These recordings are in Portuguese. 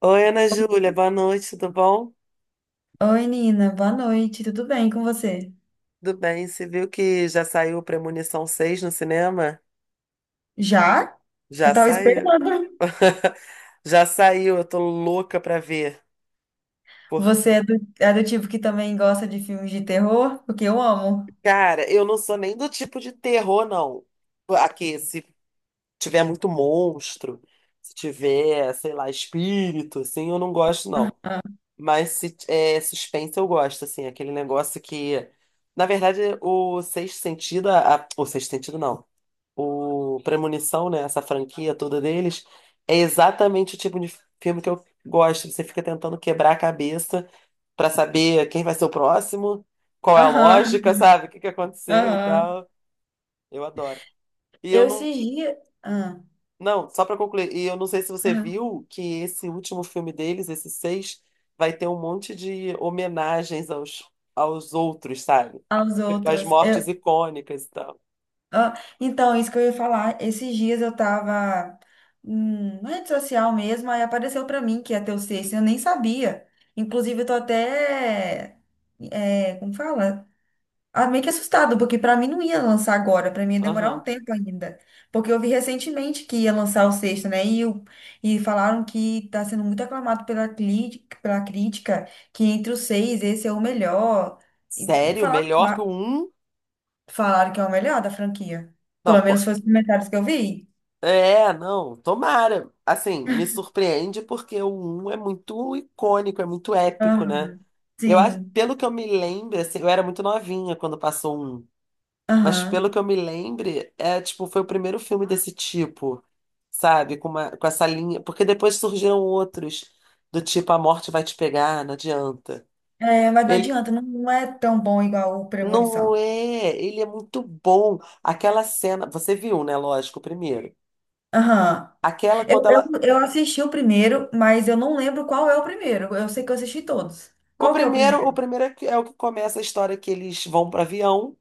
Oi, Ana Júlia, boa noite, tudo bom? Oi, Nina, boa noite, tudo bem com você? Tudo bem, você viu que já saiu Premonição 6 no cinema? Já? Eu Já tava saiu. esperando. Já saiu, eu tô louca pra ver. Por... Você é do tipo que também gosta de filmes de terror? Porque eu amo. Cara, eu não sou nem do tipo de terror, não. Aqui, se tiver muito monstro, se tiver, sei lá, espírito, assim, eu não gosto, não. Ah, Mas se é suspense, eu gosto, assim, aquele negócio que. Na verdade, o sexto sentido. O sexto sentido, não. O Premonição, né? Essa franquia toda deles, é exatamente o tipo de filme que eu gosto. Você fica tentando quebrar a cabeça pra saber quem vai ser o próximo, qual é a lógica, aham. sabe? O que que aconteceu e Aham. tal. Eu adoro. E eu Eu não. esses dias. Ah, Não, só pra concluir, e eu não sei se você aham. viu que esse último filme deles, esse seis, vai ter um monte de homenagens aos outros, sabe? Aos Tipo, as outros. mortes icônicas e tal. ah, então, isso que eu ia falar. Esses dias eu tava na rede social mesmo, aí apareceu pra mim que ia ter o sexto, eu nem sabia. Inclusive, eu tô até. É, como fala? Meio que assustado, porque pra mim não ia lançar agora, pra mim ia demorar um Aham. tempo ainda. Porque eu vi recentemente que ia lançar o sexto, né? E falaram que tá sendo muito aclamado pela crítica, que entre os seis esse é o melhor. E Sério? falaram, Melhor que o ah, um? falaram que é o melhor da franquia. Pelo Não, menos foi os comentários que eu vi. é, não, tomara. Assim, me surpreende porque o um é muito icônico, é muito épico, né? Aham, Eu acho, sim. pelo que eu me lembro, assim, eu era muito novinha quando passou o 1, mas pelo Aham. que eu me lembro, é tipo, foi o primeiro filme desse tipo, sabe? Com uma, com essa linha, porque depois surgiram outros do tipo A Morte Vai Te Pegar, não adianta. É, mas não Ele adianta, não, não é tão bom igual o não Premonição. é, ele é muito bom. Aquela cena, você viu, né, lógico, o primeiro. Aham. Aquela Eu, quando ela. eu, eu assisti o primeiro, mas eu não lembro qual é o primeiro. Eu sei que eu assisti todos. O Qual que é o primeiro, o primeiro? primeiro é, é o que começa a história que eles vão para avião,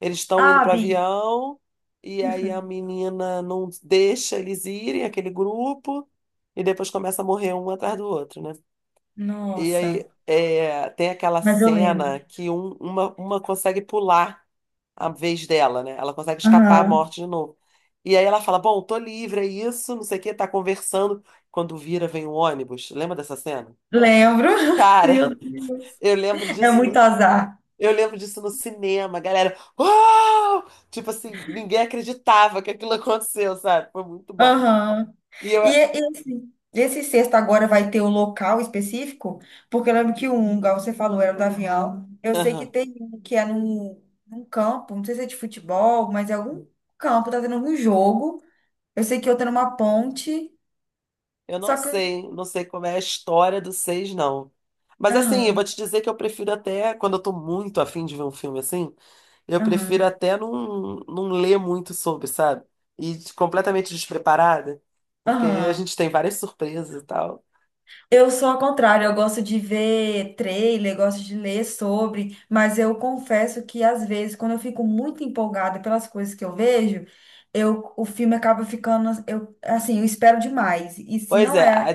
eles estão indo Ah, para vi. avião e aí a Uhum. menina não deixa eles irem, aquele grupo, e depois começa a morrer um atrás do outro, né? E Nossa. aí é, tem aquela Mas eu lembro. cena que uma consegue pular a vez dela, né? Ela consegue escapar à Aham. morte de novo. E aí ela fala, bom, tô livre, é isso, não sei o quê, tá conversando. Quando vira, vem um ônibus. Lembra dessa cena? Lembro. Cara, Meu Deus. eu lembro É muito disso. azar. Eu lembro disso no cinema, a galera. Uau! Tipo assim, ninguém acreditava que aquilo aconteceu, sabe? Foi muito bom. Aham. E eu, E esse sexto agora vai ter o local específico? Porque eu lembro que um, igual você falou, era do avião. Eu sei que aham, tem um que é num campo, não sei se é de futebol, mas é algum campo, tá tendo algum jogo. Eu sei que outro é numa ponte. eu não Só que. sei, não sei como é a história do seis, não. Mas assim, eu Aham, vou te dizer que eu prefiro até, quando eu tô muito afim de ver um filme assim, eu prefiro aham, até não ler muito sobre, sabe? Completamente despreparada, porque a aham. gente tem várias surpresas e tal. Eu sou ao contrário, eu gosto de ver trailer, gosto de ler sobre, mas eu confesso que às vezes, quando eu fico muito empolgada pelas coisas que eu vejo, eu, o filme acaba ficando, eu, assim, eu espero demais. E se Pois não é, aí é,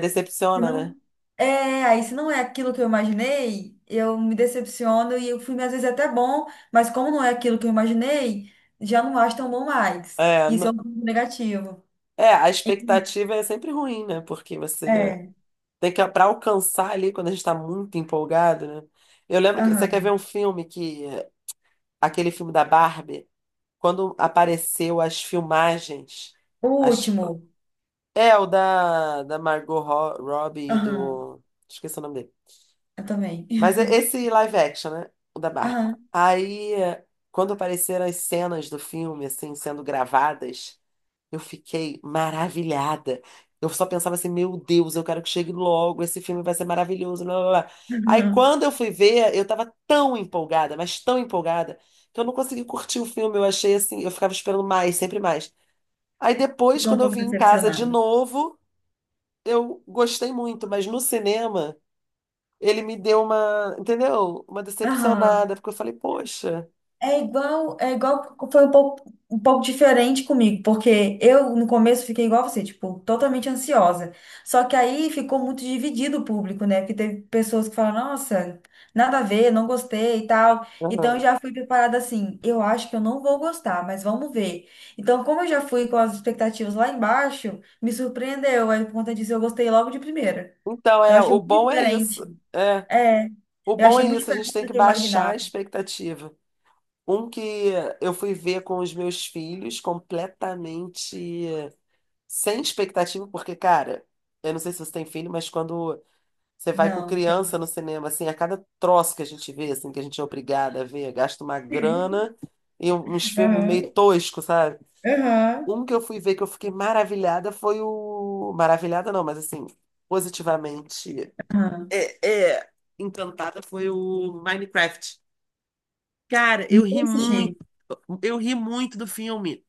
se decepciona, né? não é, aí se não é aquilo que eu imaginei, eu me decepciono e o filme às vezes é até bom, mas como não é aquilo que eu imaginei, já não acho tão bom mais. É, Isso n- é um ponto negativo. é, a expectativa é sempre ruim, né? Porque você. É, Tem que, para alcançar ali, quando a gente tá muito empolgado, né? Eu lembro que você quer aham. ver um filme que, aquele filme da Barbie, quando apareceu as filmagens, O as, último. é o da, Margot Robbie e Aham, do, esqueci o nome dele. eu também. Mas é esse live action, né? O da Barbie. Aham, Aí, quando apareceram as cenas do filme, assim, sendo gravadas, eu fiquei maravilhada. Eu só pensava assim, meu Deus, eu quero que chegue logo, esse filme vai ser maravilhoso. Blá, blá, blá. Aí aham. quando eu fui ver, eu tava tão empolgada, mas tão empolgada, que eu não consegui curtir o filme. Eu achei assim, eu ficava esperando mais, sempre mais. Aí depois, Ficou um quando eu pouco vim em casa de decepcionada. novo, eu gostei muito, mas no cinema, ele me deu uma, entendeu? Uma Aham. decepcionada, porque eu falei, poxa. É igual, foi um pouco diferente comigo, porque eu no começo fiquei igual você, tipo, totalmente ansiosa. Só que aí ficou muito dividido o público, né? Porque teve pessoas que falaram, nossa, nada a ver, não gostei e tal. Então eu Aham. já fui preparada assim, eu acho que eu não vou gostar, mas vamos ver. Então, como eu já fui com as expectativas lá embaixo, me surpreendeu. Aí por conta disso eu gostei logo de primeira. Então, Eu é, achei o muito bom é diferente. isso. É, É, o eu bom achei é muito isso, a gente diferente tem do que que eu baixar a imaginava. expectativa. Um que eu fui ver com os meus filhos completamente sem expectativa, porque, cara, eu não sei se você tem filho, mas quando você vai com Não, criança no tem. cinema, assim, a cada troço que a gente vê, assim, que a gente é obrigada a ver, gasta uma grana e uns filmes Aham, meio toscos, sabe? aham. Um que eu fui ver que eu fiquei maravilhada foi o. Maravilhada não, mas assim, positivamente. Aham. É, encantada foi o Minecraft. Cara, Não assisti. eu ri muito do filme.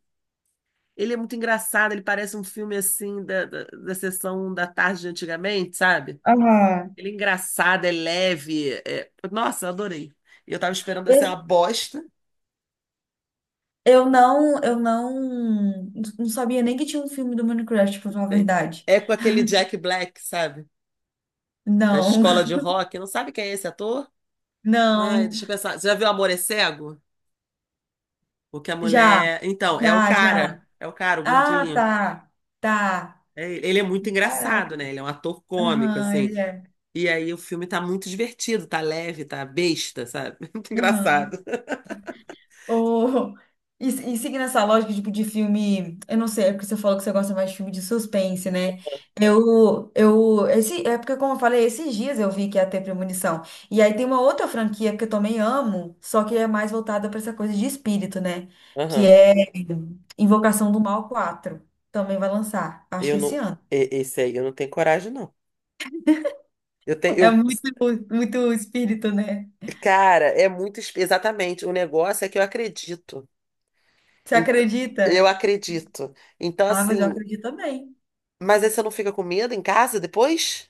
Ele é muito engraçado, ele parece um filme assim da, da sessão da tarde de antigamente, sabe? Aham. Ele é engraçado, é leve. Nossa, eu adorei. E eu tava esperando assim uma Esse- bosta. eu não sabia nem que tinha um filme do Minecraft, pra falar a Né? verdade. É com aquele Jack Black, sabe? Da Não, escola de rock. Não sabe quem é esse ator? Ai, não. deixa eu pensar. Você já viu Amor é Cego? O que a Já, mulher. Então, é o já, já. cara. É o cara, o Ah, gordinho. tá, tá. Ele é muito engraçado, Caraca. né? Ele é um ator cômico, Aham, assim. ele é. E aí o filme tá muito divertido, tá leve, tá besta, sabe? Muito Aham. engraçado. Ou, e seguindo essa lógica, tipo, de filme, eu não sei, é porque você falou que você gosta mais de filme de suspense, né? É porque, como eu falei, esses dias eu vi que ia ter Premonição. E aí tem uma outra franquia que eu também amo, só que é mais voltada para essa coisa de espírito, né? Que Aham. é Invocação do Mal quatro. Também vai lançar, acho que Eu esse não. ano. Esse aí eu não tenho coragem, não. Eu tenho. É muito, muito espírito, né? Cara, é muito. Exatamente. O negócio é que eu acredito. Você Então, eu acredita? acredito. Então, Ah, mas eu assim. acredito também. Mas aí você não fica com medo em casa depois?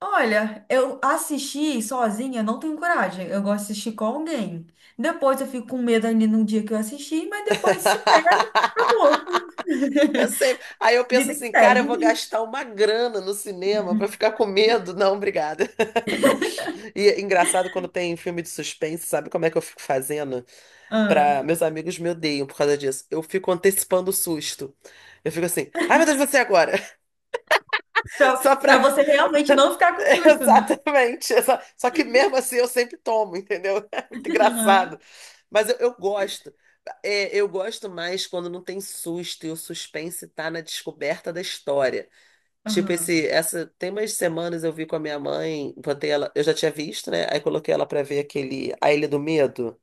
Olha, eu assistir sozinha, não tenho coragem. Eu gosto de assistir com alguém. Depois eu fico com medo ainda no dia que eu assisti, mas depois supera, acabou. Eu sempre. Aí eu penso Vida que assim, cara, eu vou segue. gastar uma grana no cinema pra ficar com medo. Não, obrigada. E é engraçado quando tem filme de suspense, sabe como é que eu fico fazendo? Ah. Meus amigos me odeiam por causa disso. Eu fico antecipando o susto. Eu fico assim, ai meu Deus, você agora! Pra, Só pra pra. você realmente não ficar com susto, né? Exatamente. Só que mesmo assim eu sempre tomo, entendeu? É muito engraçado. Aham. Mas eu gosto. É, eu gosto mais quando não tem susto e o suspense tá na descoberta da história. Tipo, Aham. Tem umas semanas eu vi com a minha mãe, botei ela, eu já tinha visto, né? Aí coloquei ela pra ver aquele A Ilha do Medo.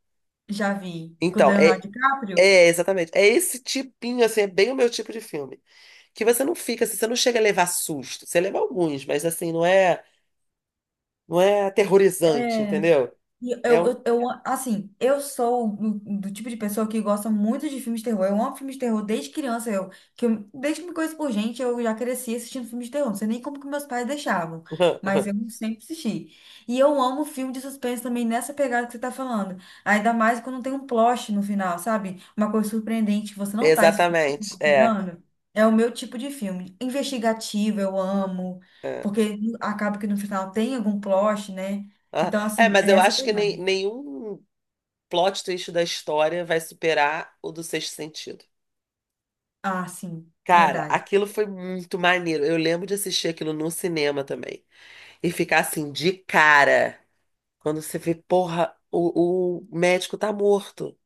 Já vi. Com o Então, Leonardo é. DiCaprio? É, exatamente. É esse tipinho, assim, é bem o meu tipo de filme. Que você não fica, assim, você não chega a levar susto. Você leva alguns, mas assim, não é aterrorizante, É. entendeu? E É Eu, um... eu, eu, assim, eu sou do tipo de pessoa que gosta muito de filmes de terror. Eu amo filmes de terror desde criança. Desde que me conheço por gente, eu já cresci assistindo filmes de terror. Não sei nem como que meus pais deixavam, mas eu sempre assisti. E eu amo filme de suspense também nessa pegada que você tá falando. Ainda mais quando tem um plot no final, sabe? Uma coisa surpreendente que você não tá es- Exatamente, é. esperando. É o meu tipo de filme. Investigativo, eu amo. É, Porque acaba que no final tem algum plot, né? ah, Então, é, assim, mas é eu essa acho que nem, pegada. nenhum plot twist da história vai superar o do Sexto Sentido. Ah, sim, Cara, verdade. aquilo foi muito maneiro. Eu lembro de assistir aquilo no cinema também. E ficar assim, de cara. Quando você vê, porra, o médico tá morto.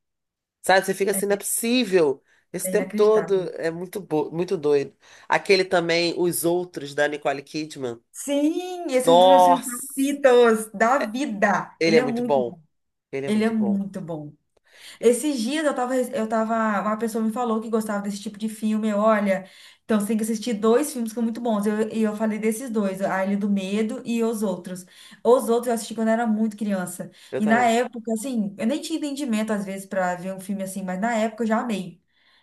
Sabe? Você fica É, assim, não é possível. Esse é tempo todo inacreditável. é muito doido. Aquele também, Os Outros, da Nicole Kidman. Sim, esse é um dos meus filmes Nossa! favoritos da vida. Ele Ele é é muito muito, bom. Ele é ele é muito bom. muito bom. Esses dias uma pessoa me falou que gostava desse tipo de filme. Olha, então você tem que assistir dois filmes que são muito bons. E falei desses dois, A Ilha do Medo e Os Outros. Os Outros eu assisti quando eu era muito criança. Eu E na também. época, assim, eu nem tinha entendimento às vezes pra ver um filme assim, mas na época eu já amei.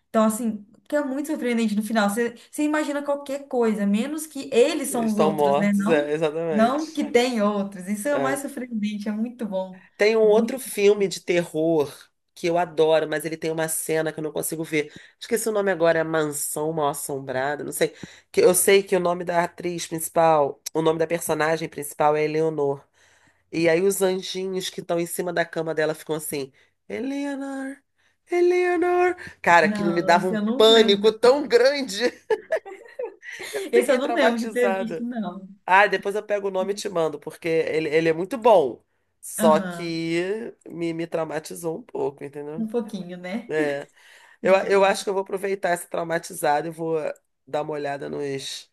Então, assim, que é muito surpreendente no final. Você imagina qualquer coisa, menos que eles Eles são os estão outros, né? mortos, é, Não, exatamente. não que tem outros. Isso é o mais É. surpreendente, é muito bom. Tem um outro Muito... filme de terror que eu adoro, mas ele tem uma cena que eu não consigo ver. Esqueci o nome agora, é Mansão Mal-Assombrada, não sei. Que eu sei que o nome da personagem principal é Eleanor. E aí os anjinhos que estão em cima da cama dela ficam assim, Eleanor, Eleanor. Cara, aquilo me Não, dava esse um eu não pânico lembro. tão grande. Eu Esse fiquei eu não lembro de ter visto, traumatizada. não. Ah, depois eu pego o nome e te mando, porque ele é muito bom. Só Aham, que me traumatizou um pouco, um entendeu? pouquinho, né? É, eu Entendi. acho que eu vou aproveitar essa traumatizada e vou dar uma olhada nos,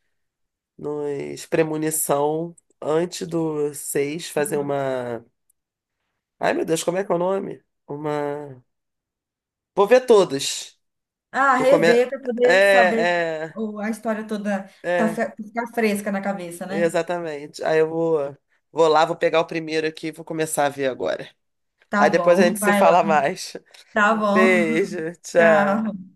nos premonição antes do 6 fazer Uhum. uma. Ai, meu Deus, como é que é o nome? Uma. Vou ver todas. Ah, Vou rever comer. para poder saber É, é, a história toda, tá, é, ficar fresca na cabeça, né? exatamente. Aí vou lá, vou pegar o primeiro aqui e vou começar a ver agora. Tá Aí depois a bom, gente se vai lá. fala mais. Tá Um bom, beijo, tchau. tchau.